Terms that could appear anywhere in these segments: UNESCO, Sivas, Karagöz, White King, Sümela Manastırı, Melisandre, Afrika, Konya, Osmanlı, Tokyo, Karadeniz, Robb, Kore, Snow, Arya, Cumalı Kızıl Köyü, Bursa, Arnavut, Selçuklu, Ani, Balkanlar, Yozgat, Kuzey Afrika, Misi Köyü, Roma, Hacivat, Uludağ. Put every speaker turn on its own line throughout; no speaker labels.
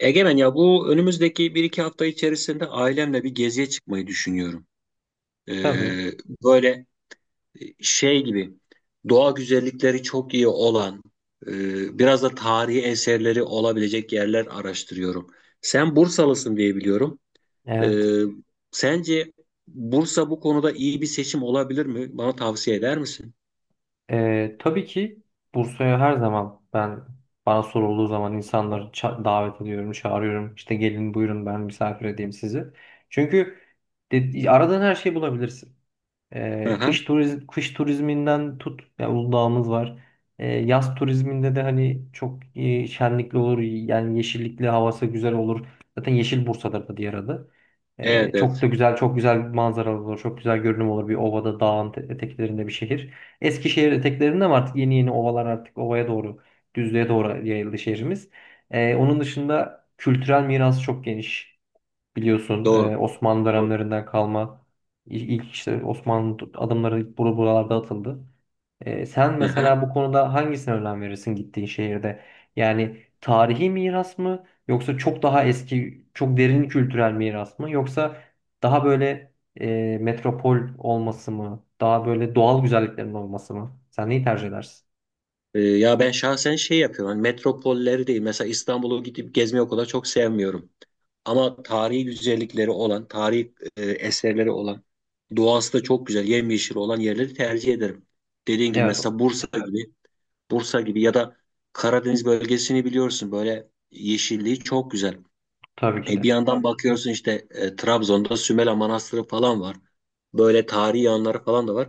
Egemen ya bu önümüzdeki bir iki hafta içerisinde ailemle bir geziye çıkmayı düşünüyorum.
Tabii.
Ee, böyle şey gibi doğa güzellikleri çok iyi olan, biraz da tarihi eserleri olabilecek yerler araştırıyorum. Sen Bursalısın diye biliyorum.
Evet.
Ee, sence Bursa bu konuda iyi bir seçim olabilir mi? Bana tavsiye eder misin?
Tabii ki Bursa'ya her zaman bana sorulduğu zaman insanları davet ediyorum, çağırıyorum. İşte gelin buyurun ben misafir edeyim sizi. Çünkü aradığın her şeyi bulabilirsin. Ee,
Aha.
kış turiz kış turizminden tut yani Uludağ'ımız var. Yaz turizminde de hani çok şenlikli olur. Yani yeşillikli havası güzel olur. Zaten Yeşil Bursa'dır da diğer adı. Ee,
Evet,
çok da
evet,
güzel, çok güzel bir manzara olur. Çok güzel görünüm olur. Bir ovada, dağın eteklerinde bir şehir. Eskişehir eteklerinde ama artık yeni yeni ovalar artık ovaya doğru, düzlüğe doğru yayıldı şehrimiz. Onun dışında kültürel mirası çok geniş. Biliyorsun
doğru.
Osmanlı
Doğru.
dönemlerinden kalma ilk işte Osmanlı adımları buralarda atıldı. Sen mesela bu konuda hangisine önem verirsin gittiğin şehirde? Yani tarihi miras mı yoksa çok daha eski, çok derin kültürel miras mı yoksa daha böyle metropol olması mı? Daha böyle doğal güzelliklerin olması mı? Sen neyi tercih edersin?
Ya ben şahsen şey yapıyorum. Hani metropolleri değil. Mesela İstanbul'u gidip gezmeyi o kadar çok sevmiyorum. Ama tarihi güzellikleri olan, tarihi eserleri olan, doğası da çok güzel, yemyeşil olan yerleri tercih ederim. Dediğin gibi
Evet,
mesela Bursa gibi, Bursa gibi ya da Karadeniz bölgesini biliyorsun, böyle yeşilliği çok güzel.
tabii ki
E, bir
de.
yandan bakıyorsun işte Trabzon'da Sümela Manastırı falan var. Böyle tarihi yanları falan da var.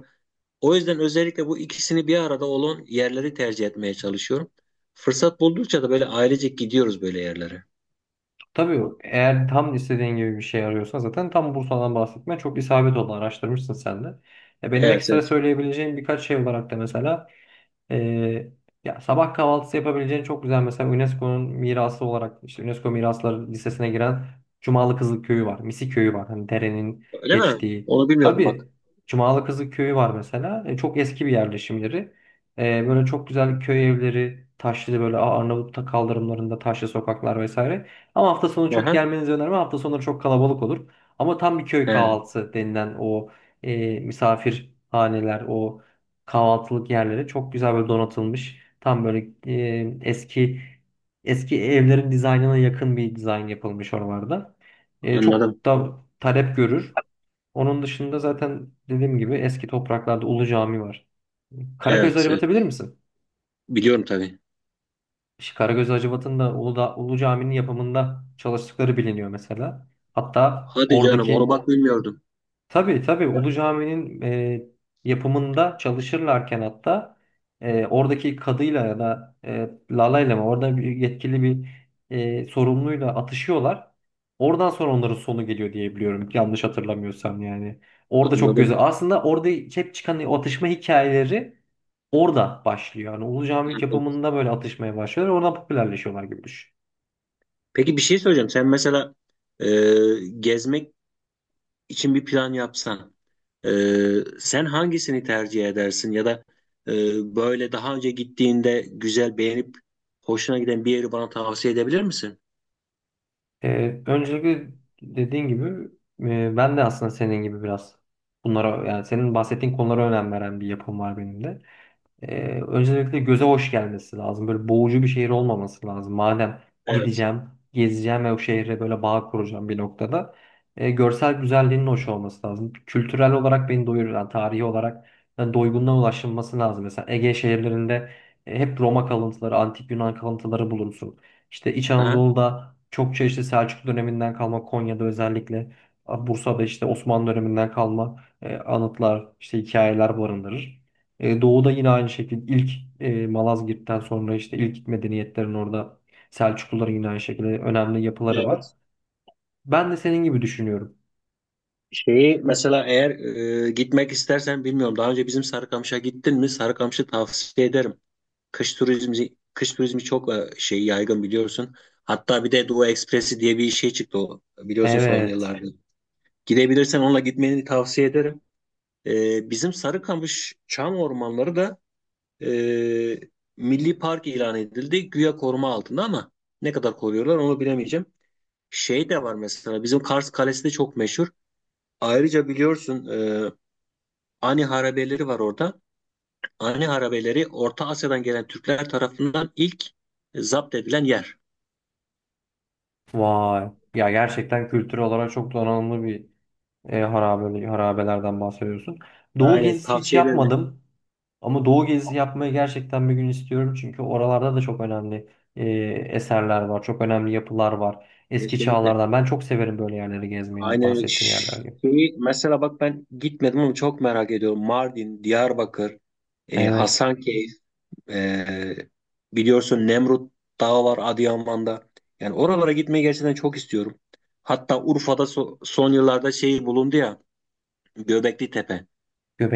O yüzden özellikle bu ikisini bir arada olan yerleri tercih etmeye çalışıyorum. Fırsat buldukça da böyle ailecek gidiyoruz böyle yerlere.
Tabii eğer tam istediğin gibi bir şey arıyorsan zaten tam Bursa'dan bahsetme çok isabet oldu, araştırmışsın sen de. Ya benim
Evet,
ekstra
evet.
söyleyebileceğim birkaç şey olarak da mesela ee, ya sabah kahvaltısı yapabileceğin çok güzel mesela UNESCO'nun mirası olarak işte UNESCO Mirasları Listesi'ne giren Cumalı Kızıl Köyü var. Misi Köyü var. Hani derenin
Öyle mi?
geçtiği.
Onu bilmiyordum bak.
Tabii, Cumalı Kızıl Köyü var mesela. Çok eski bir yerleşim yeri. Böyle çok güzel köy evleri, taşlı böyle Arnavut'ta kaldırımlarında taşlı sokaklar vesaire. Ama hafta sonu çok
Aha.
gelmenizi önermem. Hafta sonları çok kalabalık olur. Ama tam bir köy
He,
kahvaltısı denilen o e, misafir o kahvaltılık yerleri çok güzel böyle donatılmış. Tam böyle eski eski evlerin dizaynına yakın bir dizayn yapılmış oralarda. E,
anladım.
çok da talep görür. Onun dışında zaten dediğim gibi eski topraklarda Ulu Cami var. Karagöz'ü
Evet, evet.
acıbatabilir misin?
Biliyorum tabii.
İşte Karagöz Hacivat'ın da Uludağ, Ulu Cami'nin yapımında çalıştıkları biliniyor mesela. Hatta
Hadi canım, onu
oradaki
bak bilmiyordum.
Tabii, tabii, Ulu Cami'nin yapımında çalışırlarken hatta oradaki kadıyla ya da Lala'yla mı orada bir yetkili bir sorumluyla atışıyorlar. Oradan sonra onların sonu geliyor diye biliyorum, yanlış hatırlamıyorsam yani. Orada çok göze
Anladım.
aslında orada hep çıkan o atışma hikayeleri orada başlıyor. Yani Ulu Cami
Anladım.
yapımında böyle atışmaya başlıyorlar, oradan popülerleşiyorlar gibi düşün.
Peki, bir şey söyleyeceğim. Sen mesela e, gezmek için bir plan yapsan, e, sen hangisini tercih edersin ya da böyle daha önce gittiğinde güzel beğenip hoşuna giden bir yeri bana tavsiye edebilir misin?
Öncelikle dediğin gibi ben de aslında senin gibi biraz bunlara, yani senin bahsettiğin konulara önem veren bir yapım var benim de. Öncelikle göze hoş gelmesi lazım. Böyle boğucu bir şehir olmaması lazım. Madem
Evet.
gideceğim, gezeceğim ve o şehre böyle bağ kuracağım bir noktada. Görsel güzelliğinin hoş olması lazım. Kültürel olarak beni doyurur. Yani tarihi olarak, yani doygunluğa ulaşılması lazım. Mesela Ege şehirlerinde hep Roma kalıntıları, antik Yunan kalıntıları bulursun. İşte İç
Aha.
Anadolu'da çokça işte Selçuklu döneminden kalma, Konya'da özellikle, Bursa'da işte Osmanlı döneminden kalma anıtlar, işte hikayeler barındırır. Doğu'da yine aynı şekilde ilk Malazgirt'ten sonra işte ilk medeniyetlerin orada, Selçukluların yine aynı şekilde önemli yapıları var.
Evet.
Ben de senin gibi düşünüyorum.
Şeyi mesela eğer gitmek istersen, bilmiyorum daha önce bizim Sarıkamış'a gittin mi? Sarıkamış'ı tavsiye ederim. Kış turizmi çok şey yaygın biliyorsun. Hatta bir de Doğu Ekspresi diye bir şey çıktı, o biliyorsun son
Evet.
yıllarda. Gidebilirsen onunla gitmeni tavsiye ederim. E, bizim Sarıkamış Çam Ormanları da e, Milli Park ilan edildi. Güya koruma altında ama ne kadar koruyorlar onu bilemeyeceğim. Şey de var, mesela bizim Kars Kalesi de çok meşhur. Ayrıca biliyorsun e, Ani harabeleri var orada. Ani harabeleri Orta Asya'dan gelen Türkler tarafından ilk zapt edilen yer.
Vay. Ya gerçekten kültürel olarak çok donanımlı bir harabelerden bahsediyorsun. Doğu
Aynen,
gezisi hiç
tavsiye ederim.
yapmadım. Ama Doğu gezisi yapmayı gerçekten bir gün istiyorum. Çünkü oralarda da çok önemli e, eserler var. Çok önemli yapılar var. Eski
Kesinlikle.
çağlardan. Ben çok severim böyle yerleri gezmeyi,
Aynen
bahsettiğin yerler gibi.
şeyi mesela, bak ben gitmedim ama çok merak ediyorum. Mardin, Diyarbakır,
Evet.
Hasankeyf, e, biliyorsun Nemrut Dağı var Adıyaman'da. Yani oralara gitmeyi gerçekten çok istiyorum. Hatta Urfa'da son yıllarda şey bulundu ya, Göbekli Tepe.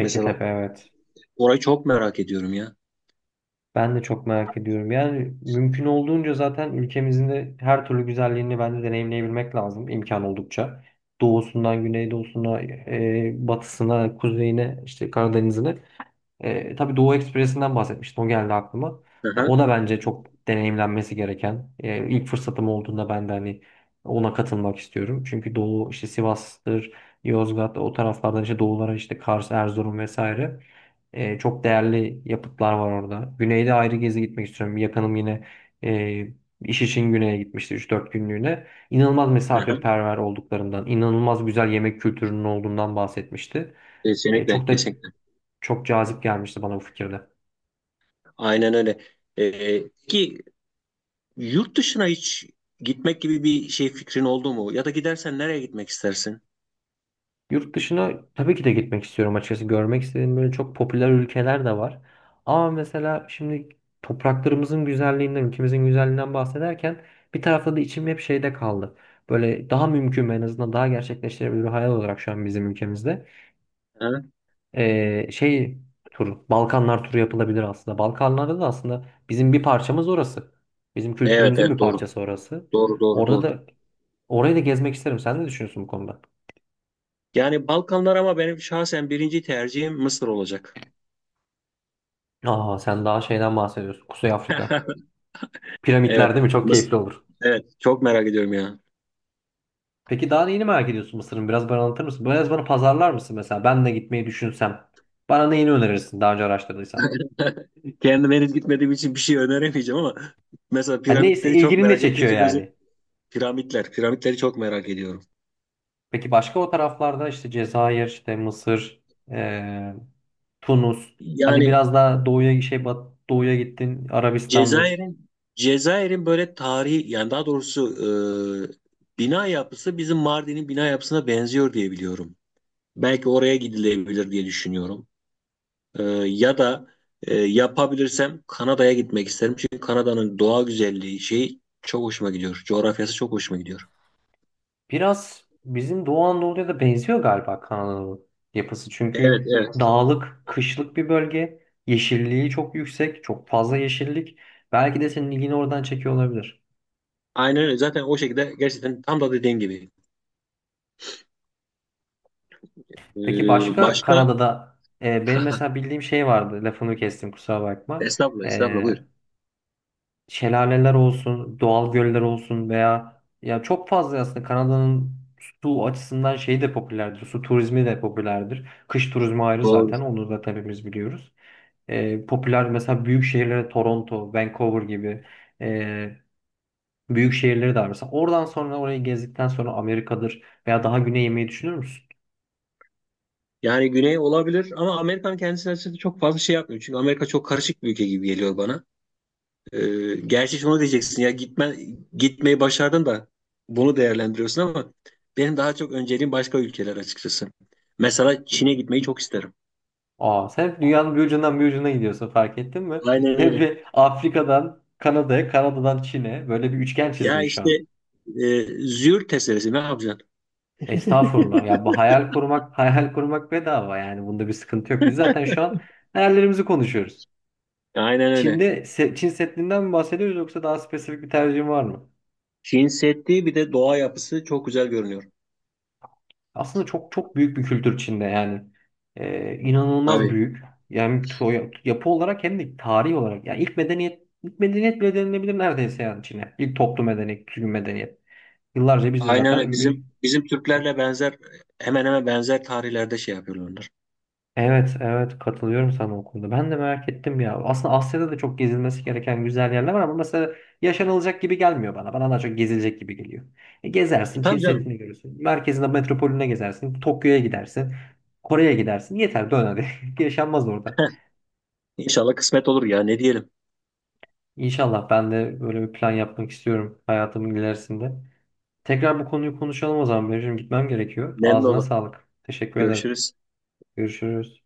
Mesela
evet.
orayı çok merak ediyorum ya.
Ben de çok merak ediyorum. Yani mümkün olduğunca zaten ülkemizin de her türlü güzelliğini ben de deneyimleyebilmek lazım imkan oldukça. Doğusundan güneydoğusuna, batısına, kuzeyine, işte Karadeniz'ine. Tabii Doğu Ekspresi'nden bahsetmiştim. O geldi aklıma. Ya,
Aha,
o da bence çok deneyimlenmesi gereken. E, ilk fırsatım olduğunda ben de hani ona katılmak istiyorum. Çünkü Doğu işte Sivas'tır, Yozgat, o taraflardan işte Doğulara, işte Kars, Erzurum vesaire. Çok değerli yapıtlar var orada. Güneyde ayrı gezi gitmek istiyorum. Bir yakınım yine e, iş için güneye gitmişti 3-4 günlüğüne. İnanılmaz
aha.
misafirperver olduklarından, inanılmaz güzel yemek kültürünün olduğundan bahsetmişti. E,
Kesinlikle,
çok da
kesinlikle.
çok cazip gelmişti bana bu fikirde.
Aynen öyle. E, ki yurt dışına hiç gitmek gibi bir şey fikrin oldu mu? Ya da gidersen nereye gitmek istersin?
Yurt dışına tabii ki de gitmek istiyorum açıkçası. Görmek istediğim böyle çok popüler ülkeler de var. Ama mesela şimdi topraklarımızın güzelliğinden, ülkemizin güzelliğinden bahsederken bir tarafta da içim hep şeyde kaldı. Böyle daha mümkün ve en azından daha gerçekleştirebilir hayal olarak şu an bizim ülkemizde.
Ha?
Ee, şey Balkanlar turu yapılabilir aslında. Balkanlarda da aslında bizim bir parçamız orası. Bizim
Evet,
kültürümüzün bir
evet, doğru.
parçası orası.
Doğru, doğru,
Orada
doğru.
da orayı da gezmek isterim. Sen ne düşünüyorsun bu konuda?
Yani Balkanlar ama benim şahsen birinci tercihim Mısır olacak.
Aa, sen daha şeyden bahsediyorsun. Kuzey Afrika. Piramitler
Evet.
değil mi? Çok
Mısır.
keyifli olur.
Evet. Çok merak ediyorum ya.
Peki daha neyini merak ediyorsun Mısır'ın? Biraz bana anlatır mısın? Biraz bana pazarlar mısın mesela? Ben de gitmeyi düşünsem. Bana neyini önerirsin daha önce araştırdıysan?
Kendim henüz gitmediğim için bir şey öneremeyeceğim ama mesela
Hani neyse
piramitleri çok
ilgini ne
merak ettiğim
çekiyor
için özel
yani?
piramitler. Piramitleri çok merak ediyorum.
Peki başka o taraflarda işte Cezayir, işte Mısır, eee, Tunus. Hadi
Yani
biraz daha doğuya gittin. Arabistan'dır.
Cezayir'in Cezayir'in böyle tarihi, yani daha doğrusu bina yapısı bizim Mardin'in bina yapısına benziyor diye biliyorum. Belki oraya gidilebilir diye düşünüyorum. E, ya da yapabilirsem Kanada'ya gitmek isterim. Çünkü Kanada'nın doğa güzelliği şeyi çok hoşuma gidiyor. Coğrafyası çok hoşuma gidiyor.
Biraz bizim Doğu Anadolu'ya da benziyor galiba Kanada'nın yapısı.
Evet,
Çünkü
evet.
dağlık, kışlık bir bölge. Yeşilliği çok yüksek, çok fazla yeşillik. Belki de senin ilgini oradan çekiyor olabilir.
Aynen öyle. Zaten o şekilde, gerçekten tam da dediğin gibi. E,
Peki başka
başka?
Kanada'da benim mesela bildiğim şey vardı. Lafını kestim, kusura bakma.
Estağfurullah, estağfurullah,
E,
buyur.
şelaleler olsun, doğal göller olsun veya ya çok fazla aslında Kanada'nın su açısından şey de popülerdir. Su turizmi de popülerdir. Kış turizmi ayrı zaten. Onu da hepimiz biliyoruz. Popüler mesela büyük şehirlere Toronto, Vancouver gibi e, büyük şehirleri de var. Mesela oradan sonra orayı gezdikten sonra Amerika'dır veya daha güneye yemeyi düşünür müsün?
Yani güney olabilir ama Amerika'nın kendisi açısından çok fazla şey yapmıyor. Çünkü Amerika çok karışık bir ülke gibi geliyor bana. Gerçi şunu diyeceksin ya, gitmeyi başardın da bunu değerlendiriyorsun ama benim daha çok önceliğim başka ülkeler, açıkçası. Mesela Çin'e gitmeyi çok isterim.
Aa, sen hep dünyanın bir ucundan bir ucuna gidiyorsun, fark ettin mi?
Aynen
Hep
öyle.
bir Afrika'dan Kanada'ya, Kanada'dan Çin'e böyle bir üçgen
Ya
çizdin şu
işte
an.
züğürt tesellisi ne yapacaksın?
Estağfurullah. Ya bu hayal kurmak, hayal kurmak bedava yani. Bunda bir sıkıntı yok. Biz zaten şu an hayallerimizi konuşuyoruz.
Aynen öyle.
Çin Seddi'nden mi bahsediyoruz yoksa daha spesifik bir tercihim var mı?
Çin Seddi, bir de doğa yapısı çok güzel görünüyor.
Aslında çok çok büyük bir kültür içinde yani. İnanılmaz
Tabii.
büyük. Yani yapı olarak hem de tarih olarak. Yani ilk medeniyet bile denilebilir neredeyse yani Çin'e. İlk toplu medeniyet, düzgün medeniyet. Yıllarca biz de
Aynen öyle.
zaten.
Bizim Türklerle benzer, hemen hemen benzer tarihlerde şey yapıyorlar onlar.
Evet, evet, katılıyorum sana o konuda. Ben de merak ettim ya. Aslında Asya'da da çok gezilmesi gereken güzel yerler var ama mesela yaşanılacak gibi gelmiyor bana. Bana daha çok gezilecek gibi geliyor. E,
E,
gezersin, Çin
tabii canım.
Seddi'ni görürsün. Merkezinde metropolüne gezersin. Tokyo'ya gidersin. Kore'ye gidersin. Yeter dön hadi. Yaşanmaz orada.
İnşallah kısmet olur ya. Ne diyelim?
İnşallah ben de böyle bir plan yapmak istiyorum hayatımın ilerisinde. Tekrar bu konuyu konuşalım o zaman. Benim şimdi gitmem gerekiyor.
Memnun
Ağzına
olur.
sağlık. Teşekkür ederim.
Görüşürüz.
Görüşürüz.